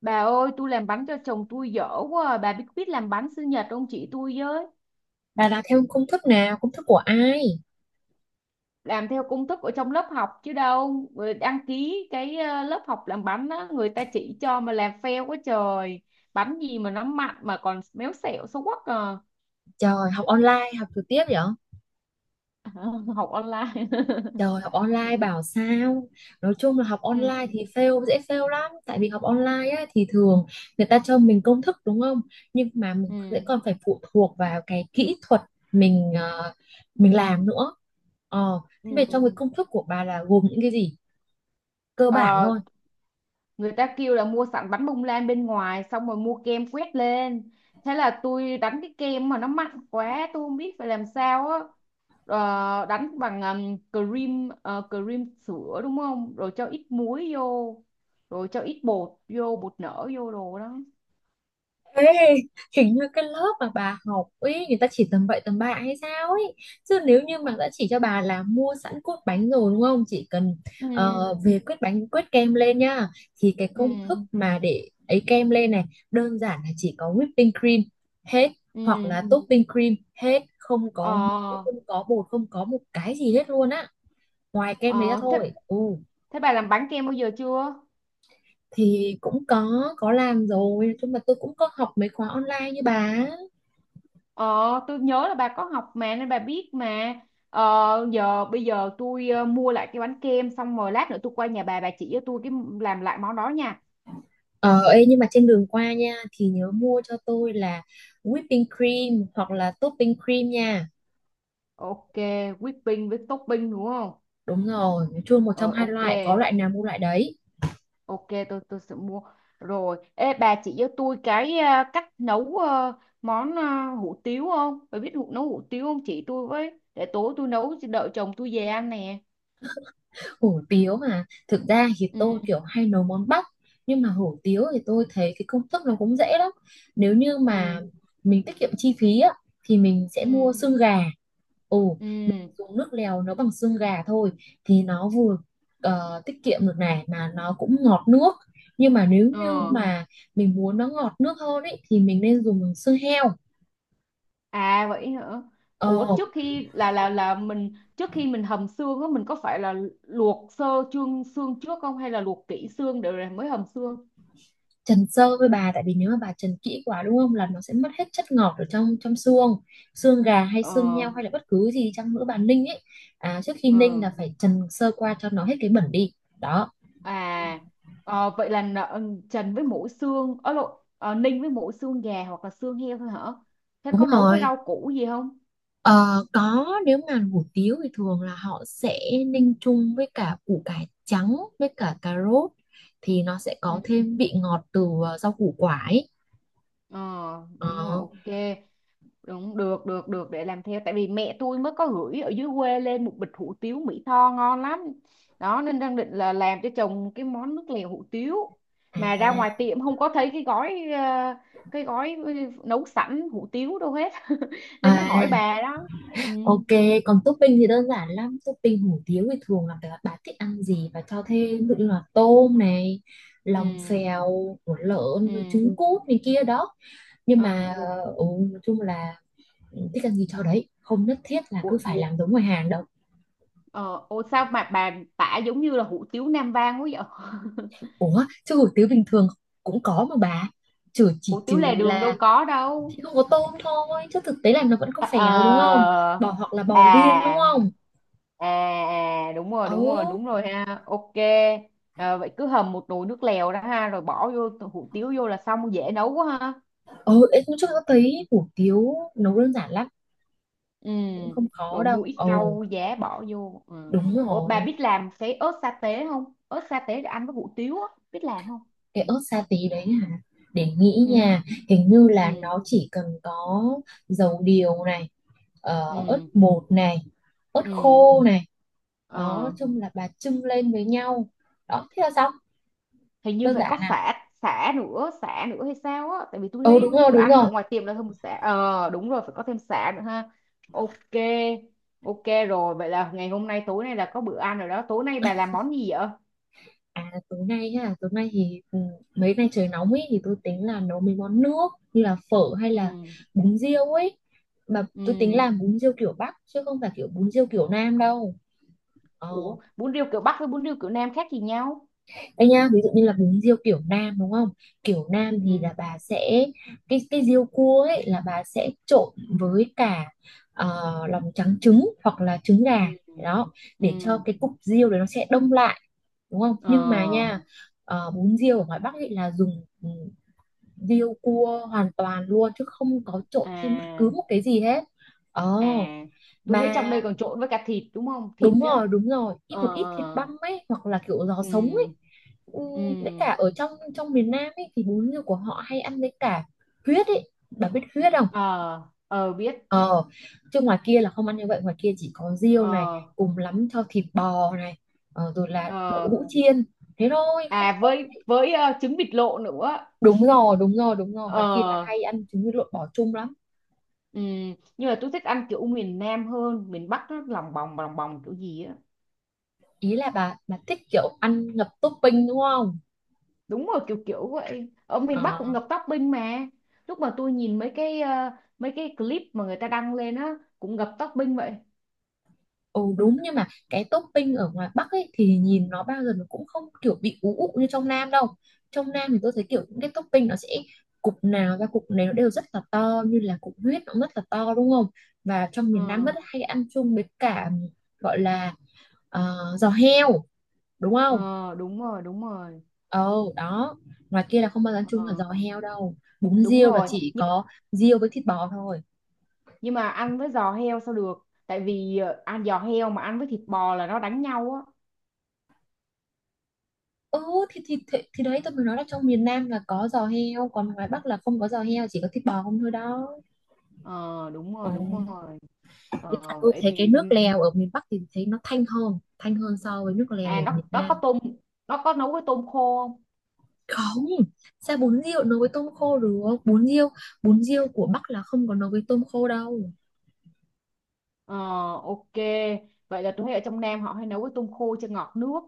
Bà ơi, tôi làm bánh cho chồng tôi dở quá à. Bà biết biết làm bánh sinh nhật không chị tôi với? Bà là theo công thức nào? Công thức của ai? Làm theo công thức ở trong lớp học chứ đâu. Người đăng ký cái lớp học làm bánh á, người ta chỉ cho mà làm fail quá trời. Bánh gì mà nó mặn mà còn méo xẹo xấu quắc à. Trời, học online, học trực tiếp vậy? Học online. Trời, học online bảo sao? Nói chung là học Ừ, online thì fail, dễ fail lắm. Tại vì học online á, thì thường người ta cho mình công thức đúng không? Nhưng mà mình sẽ ừ, còn phải phụ thuộc vào cái kỹ thuật mình ờ, mình làm nữa. Ừ. Thế về trong cái công thức của bà là gồm những cái gì? Cơ bản Ờ, thôi. người ta kêu là mua sẵn bánh bông lan bên ngoài xong rồi mua kem quét lên, thế là tôi đánh cái kem mà nó mặn quá tôi không biết phải làm sao á. Ờ, đánh bằng cream, cream sữa đúng không, rồi cho ít muối vô, rồi cho ít bột vô, bột nở vô đồ đó. Ê, hình như cái lớp mà bà học ấy người ta chỉ tầm bậy tầm bạ hay sao ấy, chứ nếu như mà đã chỉ cho bà là mua sẵn cốt bánh rồi đúng không, chỉ cần Ừ, về quét bánh quét kem lên nhá, thì cái công ừ, thức mà để ấy kem lên này đơn giản là chỉ có whipping cream hết, hoặc ừ, là topping cream hết, không có muối, ờ. không có bột, không có một cái gì hết luôn á, ngoài kem đấy ra Ờ thế, thôi. Ừ, thế bà làm bánh kem bao giờ chưa? thì cũng có làm rồi, nhưng mà tôi cũng có học mấy khóa online như bà. Ờ, tôi nhớ là bà có học mà nên bà biết mà. Ờ, giờ bây giờ tôi mua lại cái bánh kem xong rồi lát nữa tôi qua nhà bà chỉ cho tôi cái làm lại món đó nha. Ờ, Ê, nhưng mà trên đường qua nha thì nhớ mua cho tôi là whipping cream hoặc là topping cream nha. Ok, whipping với topping đúng không? Đúng rồi, nói chung một trong Ờ hai ok, loại, có loại nào mua loại đấy. ok tôi sẽ mua. Rồi, ê bà chỉ cho tôi cái cách nấu món hủ tiếu không? Bà biết hủ nấu hủ tiếu không? Chỉ tôi với để tối tôi nấu đợi chồng tôi về ăn nè. Hủ tiếu mà, thực ra thì Ừ, tôi kiểu hay nấu món Bắc, nhưng mà hủ tiếu thì tôi thấy cái công thức nó cũng dễ lắm. Nếu như ừ, mà mình tiết kiệm chi phí á, thì mình sẽ ừ, mua xương gà. Ừ, ừ. dùng nước lèo nấu bằng xương gà thôi thì nó vừa tiết kiệm được này, mà nó cũng ngọt nước. Nhưng mà nếu như Ờ. mà mình muốn nó ngọt nước hơn ấy thì mình nên dùng bằng xương heo. À vậy hả? Ủa ờ, trước khi là mình trước khi mình hầm xương á, mình có phải là luộc sơ xương xương trước không hay là luộc kỹ xương để rồi mới hầm xương? Trần sơ với bà, tại vì nếu mà bà trần kỹ quá đúng không là nó sẽ mất hết chất ngọt ở trong trong xương, xương gà hay Ờ, xương heo hay là bất cứ gì chăng nữa bà ninh ấy. Trước khi ninh ừ. là phải trần sơ qua cho nó hết cái bẩn đi. Đó, À vậy là trần với mỗi xương ở lộ ninh với mỗi xương gà hoặc là xương heo thôi hả? Thế đúng có nấu với rồi. rau củ gì không? Ờ, có, nếu mà hủ tiếu thì thường là họ sẽ ninh chung với cả củ cải trắng với cả cà rốt, thì nó sẽ Ừ. có thêm vị ngọt từ rau củ quả ấy. Ờ, đúng rồi Ờ, ok. Đúng, được, được, được, để làm theo. Tại vì mẹ tôi mới có gửi ở dưới quê lên một bịch hủ tiếu Mỹ Tho ngon lắm. Đó, nên đang định là làm cho chồng cái món nước lèo hủ tiếu. à, Mà ra ngoài tiệm không có thấy cái gói, cái gói nấu sẵn hủ tiếu đâu hết. à, Nên mới hỏi bà đó. Ừ, ok, còn topping thì đơn giản lắm. Topping hủ tiếu thì thường là phải là bà thích ăn gì và cho thêm, ví dụ như là tôm này, lòng ừ, phèo của lợn rồi ừ. trứng cút này kia đó, nhưng mà Ờ, nói chung là thích ăn gì cho đấy, không nhất thiết là ủa, cứ phải làm giống ngoài hàng đâu. ờ, ủa sao mà bà tả giống như là hủ tiếu Nam Vang quá vậy? Ủa, chứ hủ tiếu bình thường cũng có mà bà. Trừ chỉ Hủ tiếu lề trừ đường là đâu có đâu. thì không có tôm thôi, chứ thực tế là nó vẫn có Ờ, ờ, phèo đúng không? Bò hoặc là bò à... viên đúng không? À à đúng rồi Ừ, đúng rồi đúng rồi ha, ok. À, vậy cứ hầm một nồi nước lèo đó ha, rồi bỏ vô hủ tiếu vô là xong, dễ nấu quá ha. ừ, em cũng chưa có thấy, hủ tiếu nấu đơn giản lắm, Ừ, cũng không khó rồi đâu. mua ít Ồ, rau giá bỏ vô, ừ. đúng Ủa, bà rồi, biết làm cái ớt sa tế không? Ớt sa tế để ăn với hủ tiếu á, biết làm không? cái ớt sa tí đấy hả? Để nghĩ Ừ, nha, hình như là ừ, nó chỉ cần có dầu điều này, ớt ừ, bột này, ớt ừ, khô này. Đó, nói ờ. chung là bà chưng lên với nhau. Đó, thế là xong, Hình như đơn phải giản có à? sả, sả nữa, sả nữa hay sao á, tại vì tôi Ừ, đúng thấy rồi, tôi đúng ăn rồi. ở ngoài tiệm là hơn một sả. Ờ đúng rồi phải có thêm sả nữa ha. Ok, ok rồi, vậy là ngày hôm nay, tối nay là có bữa ăn rồi đó. Tối nay bà làm món gì vậy? À, tối nay ha. Tối nay thì mấy nay trời nóng ấy, thì tôi tính là nấu mấy món nước, như là phở hay là Ừ, bún riêu ấy. Mà tôi tính ừ. làm bún riêu kiểu Bắc, chứ không phải kiểu bún riêu kiểu Nam đâu. Ờ. Ủa bún riêu kiểu Bắc với bún riêu kiểu Nam khác gì nhau? Đây nha, ví dụ như là bún riêu kiểu Nam đúng không, kiểu Nam Ừ, thì là bà sẽ, cái riêu cua ấy là bà sẽ trộn với cả ờ, lòng trắng trứng, hoặc là trứng gà. ừ, Đó, ừ, để cho cái cục riêu đấy nó sẽ đông lại đúng không, ờ, nhưng mà nha bún riêu ở ngoài Bắc ấy là dùng riêu cua hoàn toàn luôn, chứ không có trộn thêm bất cứ à. một cái gì hết. Ờ, À tôi thấy mà trong đây còn trộn với cả thịt đúng không, thịt đúng á? rồi, đúng rồi, ít Ờ, một ít thịt ờ, băm ấy hoặc là kiểu giò ừ, sống ấy. ừ, với ừ, cả ở trong trong miền Nam ấy thì bún riêu của họ hay ăn với cả huyết ấy, bà biết huyết không? ờ. Ờ biết. Ờ, chứ ngoài kia là không ăn như vậy, ngoài kia chỉ có riêu này, Ờ, cùng lắm cho thịt bò này, rồi là đậu ờ, hũ chiên, thế thôi không. à với trứng vịt lộ nữa. Đúng rồi, đúng rồi, đúng rồi, Ờ, ngoài kia là hay ăn trứng với lộn bò chung lắm. ừm, nhưng mà tôi thích ăn kiểu miền Nam hơn, miền Bắc nó lòng bòng kiểu gì á. Ý là bà thích kiểu ăn ngập topping đúng không? Đúng rồi, kiểu kiểu vậy, ở miền Bắc cũng Ờ, ngập topping mà. Lúc mà tôi nhìn mấy cái mấy cái clip mà người ta đăng lên á cũng ngập topping vậy. ừ, đúng, nhưng mà cái topping ở ngoài Bắc ấy thì nhìn nó bao giờ nó cũng không kiểu bị ú ụ như trong Nam đâu. Trong Nam thì tôi thấy kiểu những cái topping nó sẽ, cục nào ra cục này nó đều rất là to, như là cục huyết nó rất là to đúng không, và trong Ờ, miền Nam rất hay ăn chung với cả, gọi là giò heo đúng không. ờ, đúng rồi đúng rồi. Ồ, đó. Ngoài kia là không bao giờ ăn chung là Ờ giò heo đâu. Bún đúng riêu là rồi chỉ nhưng có riêu với thịt bò thôi. nhưng mà ăn với giò heo sao được, tại vì ăn giò heo mà ăn với thịt bò là nó đánh nhau á. Ừ, thì đấy tôi mới nói là trong miền Nam là có giò heo, còn ngoài Bắc là không có giò heo, chỉ có thịt bò không thôi đó. Ờ, đúng Ồ, rồi đúng rồi. với cả Ờ, tôi vậy thấy cái thì nước lèo ở miền Bắc thì thấy nó thanh hơn so với nước lèo à, ở miền nó có Nam. tôm, nó có nấu với tôm khô không? Không, sao bún riêu nấu với tôm khô được? Bún riêu của Bắc là không có nấu với tôm khô đâu. Ờ, ok, vậy là tôi thấy ở trong Nam họ hay nấu với tôm khô cho ngọt nước,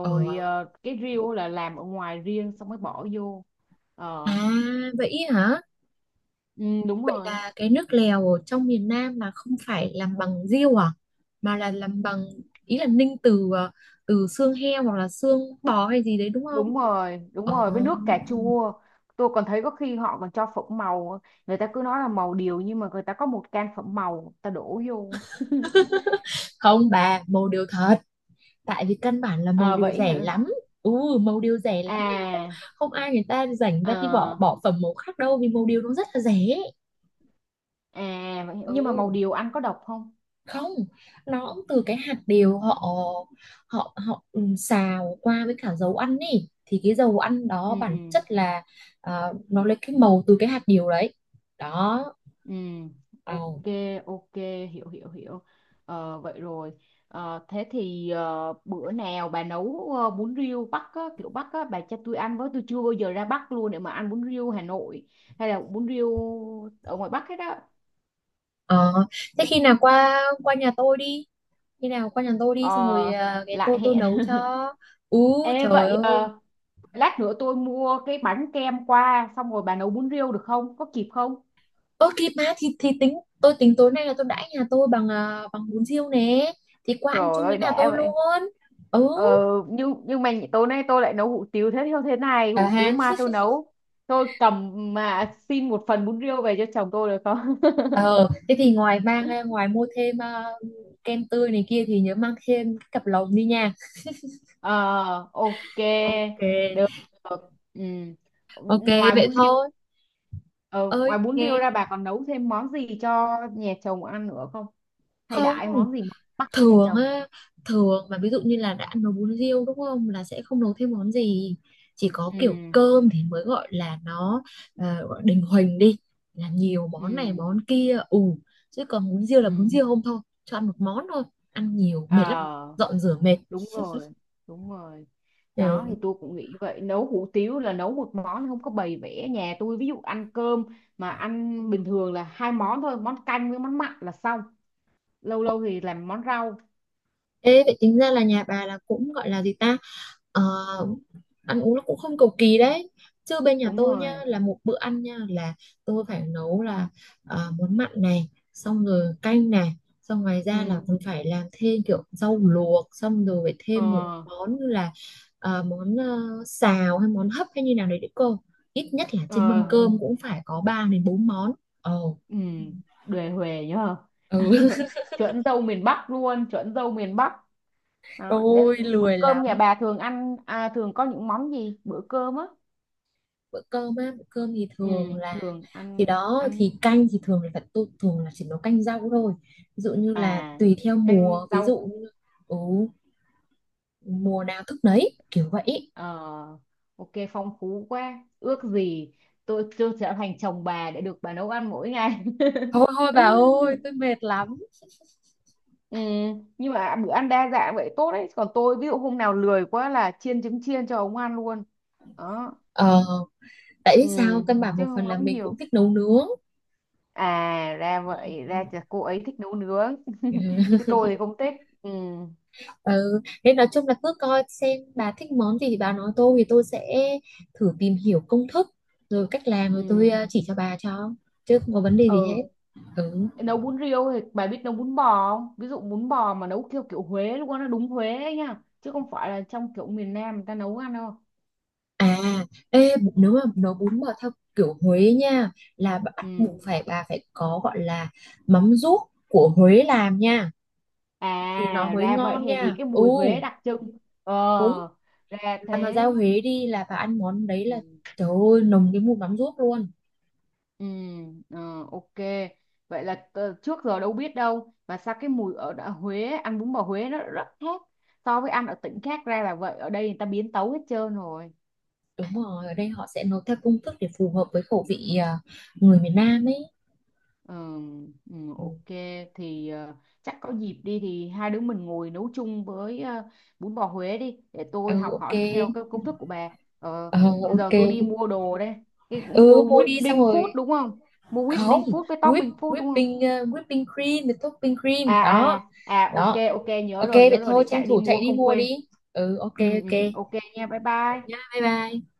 Ờ, cái riêu là làm ở ngoài riêng xong mới bỏ vô. à Ờ, vậy hả? ừ, đúng Vậy rồi là cái nước lèo ở trong miền Nam là không phải làm bằng riêu à? Mà là làm bằng, ý là ninh từ xương heo hoặc là xương bò hay gì đấy đúng không? đúng rồi đúng Ờ, rồi với nước cà chua. Tôi còn thấy có khi họ còn cho phẩm màu, người ta cứ nói là màu điều nhưng mà người ta có một can phẩm màu người ta đổ vô. không bà, màu điều thật. Tại vì căn bản là màu Ờ, điều vậy rẻ hả, lắm. Ừ, màu điều rẻ lắm. Không, à, không ai người ta rảnh ờ. ra đi bỏ bỏ phẩm màu khác đâu vì màu điều nó rất là rẻ. À, vậy, Ừ. nhưng mà màu điều ăn có độc không? Không, nó cũng từ cái hạt điều, họ họ họ xào qua với cả dầu ăn ấy, thì cái dầu ăn đó Ừ, bản chất là nó lấy cái màu từ cái hạt điều đấy đó. ừ, Ồ. ok, ok, hiểu, hiểu, hiểu. Ờ, vậy rồi, ờ, thế thì bữa nào bà nấu bún riêu Bắc á, kiểu Bắc á, bà cho tôi ăn với, tôi chưa bao giờ ra Bắc luôn để mà ăn bún riêu Hà Nội hay là bún riêu ở ngoài Bắc hết á. Ờ, thế khi nào qua qua nhà tôi đi, khi nào qua nhà tôi Ờ, đi xong rồi cái lại tôi hẹn. nấu cho. Ú Ê, trời vậy ơi. Lát nữa tôi mua cái bánh kem qua xong rồi bà nấu bún riêu được không? Có kịp không? Ơ kịp mà, thì tôi tính tối nay là tôi đãi nhà tôi bằng bằng bún riêu nè, thì qua ăn Trời chung với ơi nhà đã tôi vậy. luôn. Ừ, Ờ, nhưng mà tối nay tôi lại nấu hủ tiếu, thế theo thế này, à hủ ha. tiếu ma tôi nấu, tôi cầm mà xin một phần bún riêu về cho chồng tôi được không? Ờ, thế thì ngoài mua thêm kem tươi này kia thì nhớ mang thêm cái cặp lồng đi nha. Ờ, ok, Ok, được, được. Ừ. ok Ngoài vậy bún riêu, thôi. ờ, ngoài Ơi, bún riêu nghe ra bà còn nấu thêm món gì cho nhà chồng ăn nữa không? Hay không, đãi món gì mắc cho nhà thường chồng? á, thường mà ví dụ như là đã nấu bún riêu đúng không là sẽ không nấu thêm món gì. Chỉ có Ừ, kiểu cơm thì mới gọi là nó gọi đình huỳnh đi, là nhiều ừ, món này món kia. Ừ, chứ còn bún riêu là bún ừ, riêu không thôi, cho ăn một món thôi, ăn nhiều mệt lắm, ờ. dọn rửa mệt. Đúng rồi, đúng rồi, đó Ừ. thì tôi cũng nghĩ vậy. Nấu hủ tiếu là nấu một món, không có bày vẽ. Nhà tôi ví dụ ăn cơm mà ăn bình thường là hai món thôi, món canh với món mặn là xong, lâu lâu thì làm món rau. Ê, vậy tính ra là nhà bà là cũng gọi là gì ta, Ờ, ăn uống nó cũng không cầu kỳ đấy, chứ bên nhà Đúng tôi nha rồi, là một bữa ăn nha là tôi phải nấu là món mặn này xong rồi canh này, xong ngoài ra là ừ, còn phải làm thêm kiểu rau luộc, xong rồi phải thêm một ờ, món như là ờ, món ờ, xào hay món hấp hay như nào đấy đấy cô, ít nhất là trên mâm ờ, cơm cũng phải có 3 đến 4 món. Ồ, ừ, đề huề nhờ. ừ. Chuẩn dâu miền Bắc luôn, chuẩn dâu miền Bắc. Đó Tôi nên bữa lười cơm nhà lắm. bà thường ăn à, thường có những món gì bữa cơm á? Bữa cơm á, bữa cơm thì Ừ, thường là, thường thì ăn đó thì ăn, canh thì thường là tôi thường là chỉ nấu canh rau thôi, ví dụ như là à, tùy theo canh mùa, ví dụ rau. như ừ, mùa nào thức nấy kiểu vậy. Ờ, ok phong phú quá, ước gì tôi trở thành chồng bà để được bà nấu ăn mỗi ngày. Thôi thôi bà ơi tôi mệt lắm. Ừ, nhưng mà bữa ăn đa dạng vậy tốt đấy, còn tôi ví dụ hôm nào lười quá là chiên trứng chiên cho ông ăn luôn đó. Ờ, tại Ừ, vì sao căn bản, chứ một phần không là nấu mình nhiều. cũng thích nấu nướng. À ra vậy, ra Ừ. chả cô ấy thích nấu nướng. Chứ tôi thì không thích. Ừ, Ừ. Nên nói chung là cứ coi xem bà thích món gì thì bà nói tôi, thì tôi sẽ thử tìm hiểu công thức rồi cách làm, rồi tôi ừ, chỉ cho bà cho, chứ không có vấn đề gì hết. ừ. Ừ. Nấu bún riêu thì bà biết nấu bún bò không? Ví dụ bún bò mà nấu theo kiểu Huế luôn á, nó đúng Huế ấy nha chứ không phải là trong kiểu miền Nam người ta nấu ăn đâu. À, ê, nếu mà nấu bún bò theo kiểu Huế nha, là bắt Ừ. buộc phải bà phải có gọi là mắm ruốc của Huế làm nha thì nó À mới ra vậy, ngon hèn gì nha. cái Ừ, mùi Huế đặc trưng. Ờ đúng. ra Bà mà ra thế. Huế đi là bà ăn món đấy Ừ. là trời ơi nồng cái mùi mắm ruốc luôn. Ừ. Ờ, ok vậy là trước giờ đâu biết, đâu và sao cái mùi ở đã Huế ăn bún bò Huế nó rất khác so với ăn ở tỉnh khác, ra là vậy, ở đây người ta biến tấu hết trơn rồi. Đúng rồi, ở đây họ sẽ nấu theo công thức để phù hợp với khẩu vị người miền Nam ấy. Ờ, ừ, Ừ, ok. Thì chắc có dịp đi thì hai đứa mình ngồi nấu chung với bún bò Huế đi để tôi ừ, học ok. hỏi theo cái công thức của bà. Ờ, Ờ, bây giờ ok. tôi đi mua đồ đây. Cái cũng Ừ, mua mua đi xong whipping food rồi. đúng không? Mua Không, whipping food với whip, topping food đúng không? whipping, whipping cream, với topping cream. À Đó, à à ok đó. ok, nhớ Ok rồi nhớ vậy rồi, thôi để tranh chạy đi thủ mua chạy đi không mua quên. đi. Ừ, ok, Ừ, ừ ok. ok nha, bye Nhá, bye. bye bye.